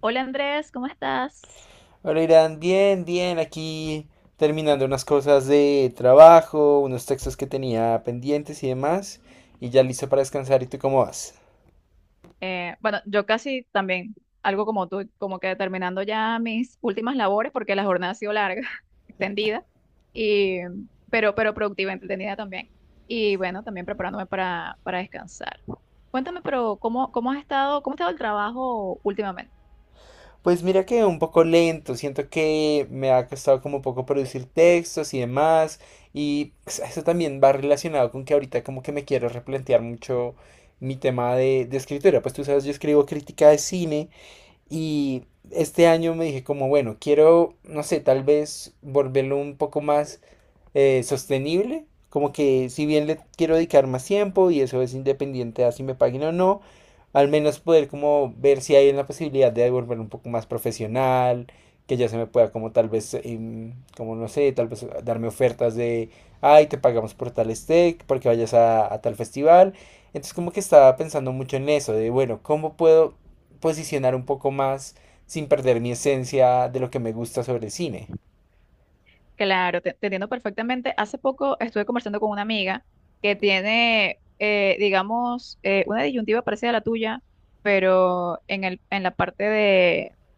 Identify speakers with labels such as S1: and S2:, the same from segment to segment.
S1: Hola Andrés, ¿cómo estás?
S2: Hola Irán, bien, bien, aquí terminando unas cosas de trabajo, unos textos que tenía pendientes y demás, y ya listo para descansar. ¿Y tú cómo vas?
S1: Bueno, yo casi también, algo como tú, como que terminando ya mis últimas labores, porque la jornada ha sido larga, extendida, y, pero productiva, entretenida también. Y bueno, también preparándome para descansar. Cuéntame, pero ¿cómo has estado, cómo ha estado el trabajo últimamente?
S2: Pues mira que un poco lento, siento que me ha costado como un poco producir textos y demás, y pues, eso también va relacionado con que ahorita como que me quiero replantear mucho mi tema de escritura. Pues tú sabes, yo escribo crítica de cine y este año me dije como, bueno, quiero, no sé, tal vez volverlo un poco más sostenible. Como que si bien le quiero dedicar más tiempo y eso es independiente a si me paguen o no, al menos poder como ver si hay la posibilidad de volver un poco más profesional, que ya se me pueda como tal vez, como no sé, tal vez darme ofertas de, ay, te pagamos por tal steak, porque vayas a tal festival. Entonces como que estaba pensando mucho en eso, de bueno, ¿cómo puedo posicionar un poco más sin perder mi esencia de lo que me gusta sobre cine?
S1: Claro, te entiendo perfectamente. Hace poco estuve conversando con una amiga que tiene, digamos, una disyuntiva parecida a la tuya, pero en la parte de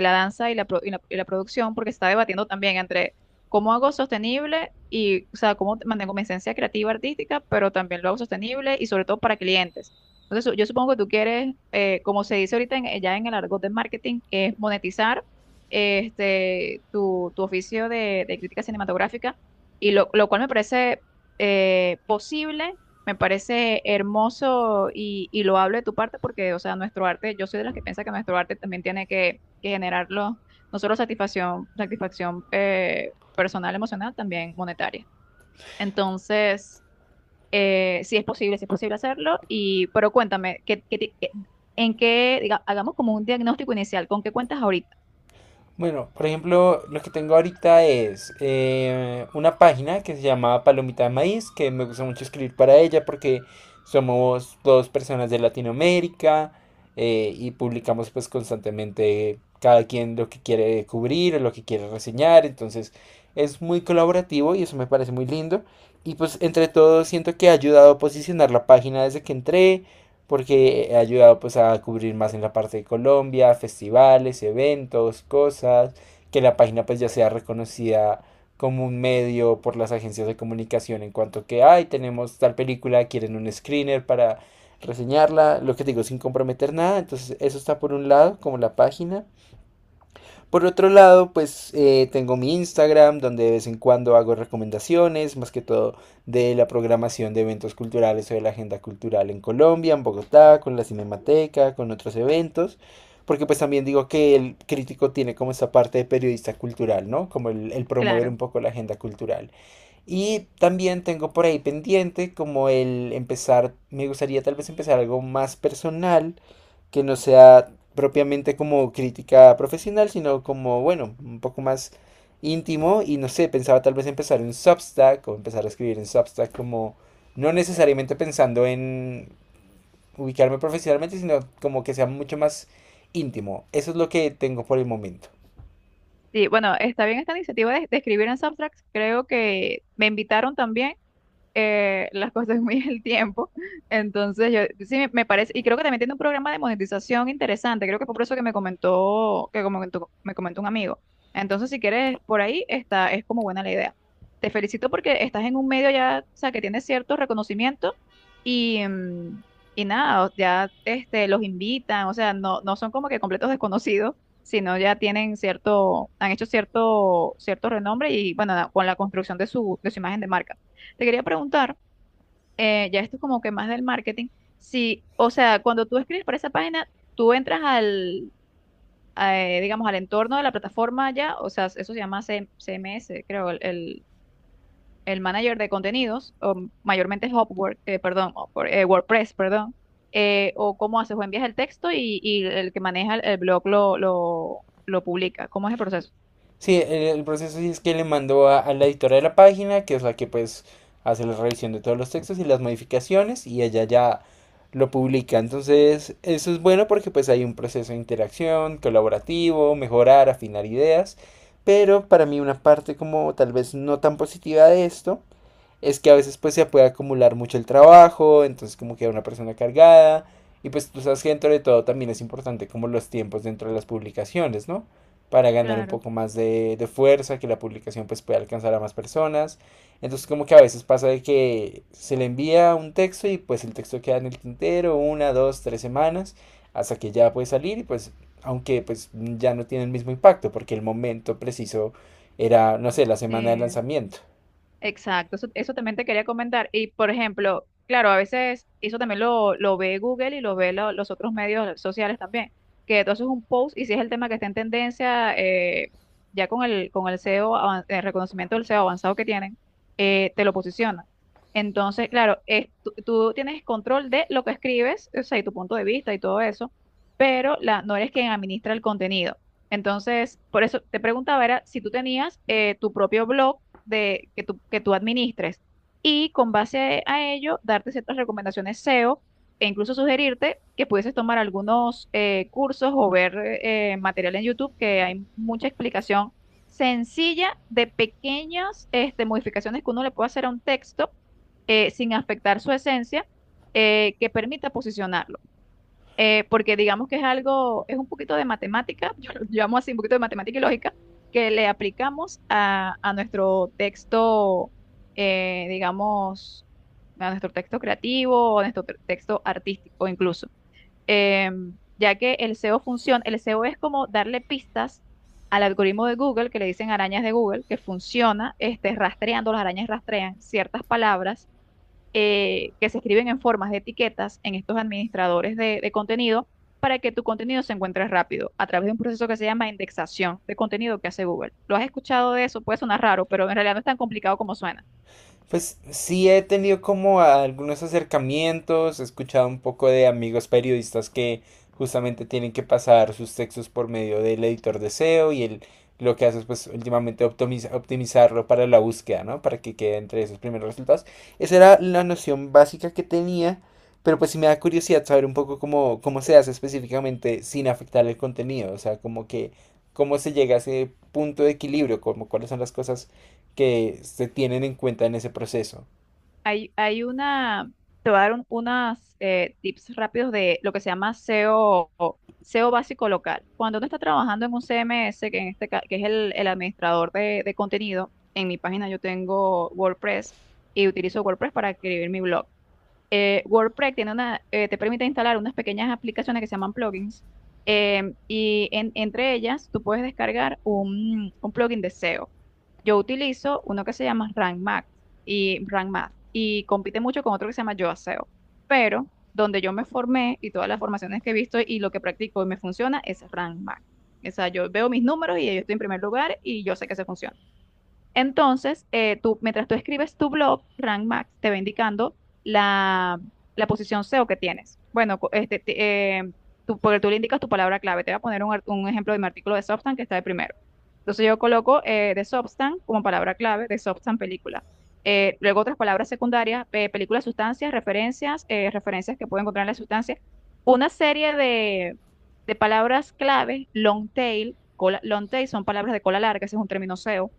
S1: la danza y la, pro- y la producción, porque se está debatiendo también entre cómo hago sostenible y, o sea, cómo mantengo mi esencia creativa artística, pero también lo hago sostenible y sobre todo para clientes. Entonces, yo supongo que tú quieres, como se dice ahorita ya en el argot de marketing, es monetizar tu oficio de crítica cinematográfica, y lo cual me parece posible. Me parece hermoso y loable de tu parte porque, o sea, nuestro arte, yo soy de las que piensa que nuestro arte también tiene que generarlo no solo satisfacción, satisfacción personal, emocional, también monetaria. Entonces, sí es posible hacerlo, pero cuéntame, ¿qué, qué ti- qué- en qué, diga- hagamos como un diagnóstico inicial, ¿con qué cuentas ahorita?
S2: Bueno, por ejemplo, lo que tengo ahorita es una página que se llama Palomita de Maíz, que me gusta mucho escribir para ella porque somos dos personas de Latinoamérica y publicamos pues constantemente cada quien lo que quiere cubrir o lo que quiere reseñar, entonces es muy colaborativo y eso me parece muy lindo. Y pues entre todo siento que ha ayudado a posicionar la página desde que entré, porque he ayudado pues a cubrir más en la parte de Colombia, festivales, eventos, cosas, que la página pues ya sea reconocida como un medio por las agencias de comunicación en cuanto que, ay, tenemos tal película, quieren un screener para reseñarla, lo que digo, sin comprometer nada, entonces eso está por un lado, como la página. Por otro lado, pues tengo mi Instagram donde de vez en cuando hago recomendaciones, más que todo de la programación de eventos culturales o de la agenda cultural en Colombia, en Bogotá, con la Cinemateca, con otros eventos, porque pues también digo que el crítico tiene como esa parte de periodista cultural, ¿no? Como el promover
S1: Claro.
S2: un poco la agenda cultural. Y también tengo por ahí pendiente como el empezar, me gustaría tal vez empezar algo más personal que no sea propiamente como crítica profesional, sino como, bueno, un poco más íntimo y no sé, pensaba tal vez empezar un Substack o empezar a escribir en Substack como no necesariamente pensando en ubicarme profesionalmente, sino como que sea mucho más íntimo. Eso es lo que tengo por el momento.
S1: Sí, bueno, está bien esta iniciativa de escribir en Subtract, creo que me invitaron también las cosas muy el tiempo. Entonces, yo sí me parece, y creo que también tiene un programa de monetización interesante. Creo que fue por eso que me comentó, que como que me comentó un amigo. Entonces, si quieres, por ahí está, es como buena la idea. Te felicito porque estás en un medio ya, o sea, que tiene cierto reconocimiento y, mm, y nada, ya los invitan, o sea, no, no son como que completos desconocidos, sino ya tienen cierto, han hecho cierto, cierto renombre y bueno, nada, con la construcción de de su imagen de marca. Te quería preguntar, ya esto es como que más del marketing, si, o sea, cuando tú escribes para esa página, tú entras digamos, al entorno de la plataforma ya, o sea, eso se llama CMS, creo, el manager de contenidos, o mayormente es Upwork, perdón, Upwork, WordPress, perdón, o cómo haces, o envías el texto y el que maneja el blog lo publica. ¿Cómo es el proceso?
S2: Sí, el proceso sí es que le mandó a la editora de la página, que es la que pues hace la revisión de todos los textos y las modificaciones, y ella ya lo publica. Entonces, eso es bueno porque pues hay un proceso de interacción, colaborativo, mejorar, afinar ideas. Pero para mí una parte como tal vez no tan positiva de esto es que a veces pues se puede acumular mucho el trabajo, entonces como queda una persona cargada. Y pues tú sabes que dentro de todo también es importante como los tiempos dentro de las publicaciones, ¿no? Para ganar un
S1: Claro,
S2: poco más de fuerza, que la publicación pues pueda alcanzar a más personas. Entonces como que a veces pasa de que se le envía un texto y pues el texto queda en el tintero una, dos, tres semanas hasta que ya puede salir y pues aunque pues ya no tiene el mismo impacto porque el momento preciso era, no sé, la semana de
S1: sí.
S2: lanzamiento.
S1: Exacto, eso también te quería comentar. Y por ejemplo, claro, a veces eso también lo ve Google y lo ve los otros medios sociales también, que tú haces un post y si es el tema que está en tendencia, ya con el SEO, el reconocimiento del SEO avanzado que tienen, te lo posiciona. Entonces, claro, tú tienes control de lo que escribes, o sea, y tu punto de vista y todo eso, pero no eres quien administra el contenido. Entonces, por eso te preguntaba, era si tú tenías tu propio blog que tú administres y con base a ello darte ciertas recomendaciones SEO e incluso sugerirte que pudieses tomar algunos cursos o ver material en YouTube que hay mucha explicación sencilla de pequeñas modificaciones que uno le puede hacer a un texto sin afectar su esencia que permita posicionarlo porque digamos que es algo, es un poquito de matemática, yo lo llamo así un poquito de matemática y lógica, que le aplicamos a nuestro texto, digamos, a nuestro texto creativo o a nuestro texto artístico incluso. Ya que el SEO funciona, el SEO es como darle pistas al algoritmo de Google, que le dicen arañas de Google, que funciona, rastreando, las arañas rastrean ciertas palabras que se escriben en formas de etiquetas en estos administradores de contenido para que tu contenido se encuentre rápido a través de un proceso que se llama indexación de contenido que hace Google. ¿Lo has escuchado de eso? Puede sonar raro, pero en realidad no es tan complicado como suena.
S2: Pues sí he tenido como algunos acercamientos, he escuchado un poco de amigos periodistas que justamente tienen que pasar sus textos por medio del editor de SEO y él lo que hace es pues últimamente optimizarlo para la búsqueda, ¿no? Para que quede entre esos primeros resultados. Esa era la noción básica que tenía, pero pues sí me da curiosidad saber un poco cómo, cómo se hace específicamente sin afectar el contenido, o sea, como que cómo se llega a ese punto de equilibrio, como cuáles son las cosas que se tienen en cuenta en ese proceso.
S1: Hay, hay una, Te voy a dar unas tips rápidos de lo que se llama SEO, o SEO básico local. Cuando uno está trabajando en un CMS, que, en este, ca- que es el administrador de contenido, en mi página yo tengo WordPress y utilizo WordPress para escribir mi blog. WordPress tiene te permite instalar unas pequeñas aplicaciones que se llaman plugins. Y entre ellas, tú puedes descargar un plugin de SEO. Yo utilizo uno que se llama Rank Math, y compite mucho con otro que se llama Yoa SEO. Pero donde yo me formé y todas las formaciones que he visto y lo que practico y me funciona es Rank Math. O sea, yo veo mis números y yo estoy en primer lugar y yo sé que se funciona. Entonces, mientras tú escribes tu blog, Rank Max te va indicando la, la posición SEO que tienes. Porque tú le indicas tu palabra clave. Te voy a poner un ejemplo de mi artículo de Substan que está de primero. Entonces, yo coloco de Substan como palabra clave, de Substan película. Luego otras palabras secundarias, película, sustancias, referencias, referencias que puedo encontrar en la sustancia. Una serie de palabras clave, long tail, long tail son palabras de cola larga, ese es un término SEO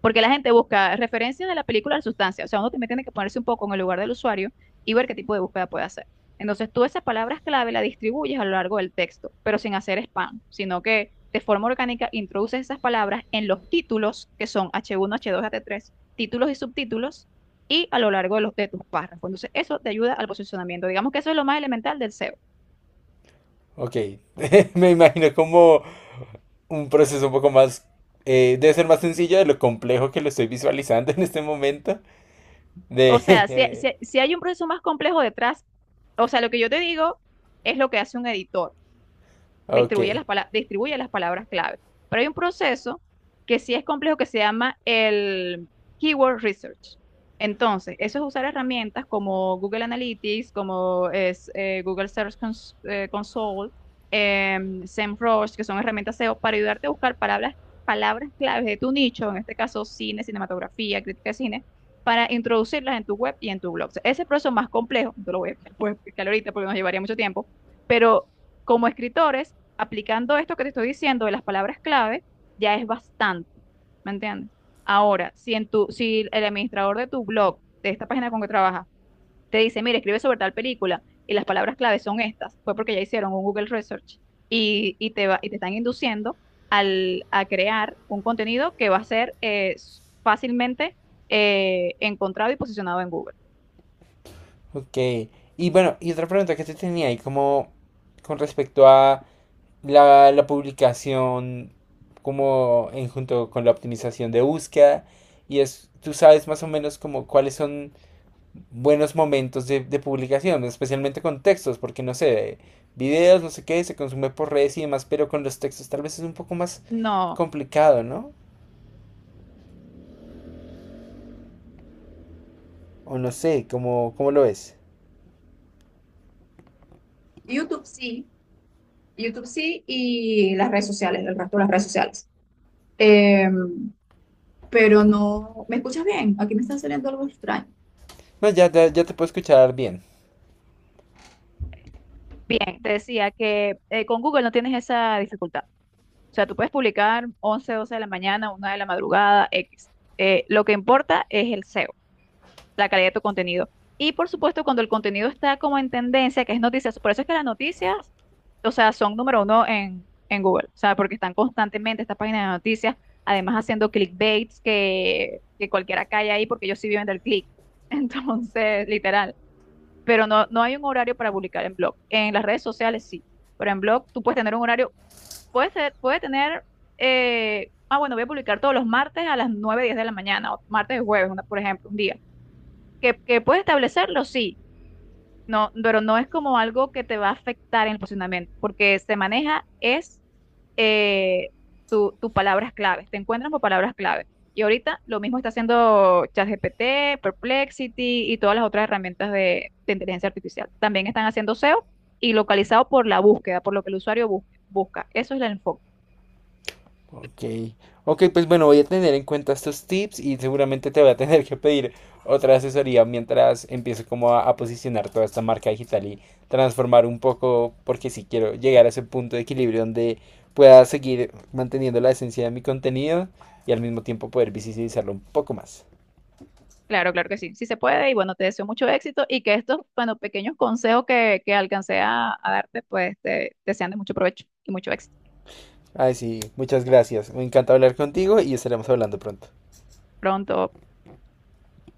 S1: porque la gente busca referencias de la película a la sustancia. O sea, uno también tiene que ponerse un poco en el lugar del usuario y ver qué tipo de búsqueda puede hacer. Entonces, tú esas palabras clave las distribuyes a lo largo del texto, pero sin hacer spam, sino que de forma orgánica introduces esas palabras en los títulos, que son H1, H2, H3, títulos y subtítulos, y a lo largo de tus párrafos. Entonces, eso te ayuda al posicionamiento. Digamos que eso es lo más elemental del SEO.
S2: Ok, me imagino como un proceso un poco más... debe ser más sencillo de lo complejo que lo estoy visualizando en este momento.
S1: O O sea, si,
S2: De...
S1: si, si hay un proceso más complejo detrás, o sea, lo que yo te digo es lo que hace un editor
S2: Ok,
S1: distribuye distribuye las palabras clave. Pero hay un proceso que sí es complejo que se llama el Keyword Research. Entonces, eso es usar herramientas como Google Analytics, Google Search Console, SEMrush, que son herramientas SEO para ayudarte a buscar palabras claves de tu nicho, en este caso cine, cinematografía, crítica de cine, para introducirlas en tu web y en tu blog. O sea, ese proceso más complejo, no te lo puedo explicar ahorita porque nos llevaría mucho tiempo, pero como escritores aplicando esto que te estoy diciendo de las palabras clave, ya es bastante, ¿me entiendes? Ahora, si el administrador de tu blog, de esta página con que trabajas, te dice, mira, escribe sobre tal película y las palabras clave son estas, fue porque ya hicieron un Google Research y te están induciendo a crear un contenido que va a ser fácilmente encontrado y posicionado en Google.
S2: ok. Y bueno, y otra pregunta que te tenía ahí como con respecto a la publicación como en junto con la optimización de búsqueda. Y es, tú sabes más o menos como cuáles son buenos momentos de publicación, especialmente con textos, porque no sé, videos, no sé qué, se consume por redes y demás, pero con los textos tal vez es un poco más
S1: No,
S2: complicado, ¿no? O no sé, ¿cómo, cómo lo ves?
S1: YouTube sí, YouTube sí y las redes sociales, el resto de las redes sociales. Eh, pero no. ¿Me escuchas bien? Aquí me está saliendo algo extraño.
S2: No, ya, ya, ya te puedo escuchar bien.
S1: Bien, te decía que con Google no tienes esa dificultad. O sea, tú puedes publicar 11 12 de la mañana, 1 de la madrugada, X. Lo que importa es el SEO, la calidad de tu contenido. Y por supuesto, cuando el contenido está como en tendencia, que es noticias, por eso es que las noticias, o sea, son número uno en Google. O sea, porque están constantemente estas páginas de noticias, además haciendo clickbaits que cualquiera cae ahí porque ellos sí viven del click. Entonces, literal. Pero no, no hay un horario para publicar en blog. En las redes sociales sí, pero en blog tú puedes tener un horario, puede ser, puede tener, ah, bueno, voy a publicar todos los martes a las 9 10 de la mañana, o martes y jueves, por ejemplo, un día. Que puedes establecerlo, sí, no, pero no es como algo que te va a afectar en el posicionamiento, porque se maneja es eh, tus palabras claves, te encuentran por palabras clave. Y ahorita lo mismo está haciendo ChatGPT, Perplexity y todas las otras herramientas de inteligencia artificial. También están haciendo SEO y localizado por la búsqueda, por lo que el usuario busca. Eso es el enfoque.
S2: Ok, ok, pues bueno, voy a tener en cuenta estos tips y seguramente te voy a tener que pedir otra asesoría mientras empiezo como a posicionar toda esta marca digital y transformar un poco, porque si quiero llegar a ese punto de equilibrio donde pueda seguir manteniendo la esencia de mi contenido y al mismo tiempo poder visibilizarlo un poco más.
S1: Claro, claro que sí, sí se puede y bueno, te deseo mucho éxito y que estos, bueno, pequeños consejos que alcancé a darte, pues te sean de mucho provecho y mucho éxito.
S2: Ay, sí, muchas gracias. Me encanta hablar contigo y estaremos hablando pronto.
S1: Pronto.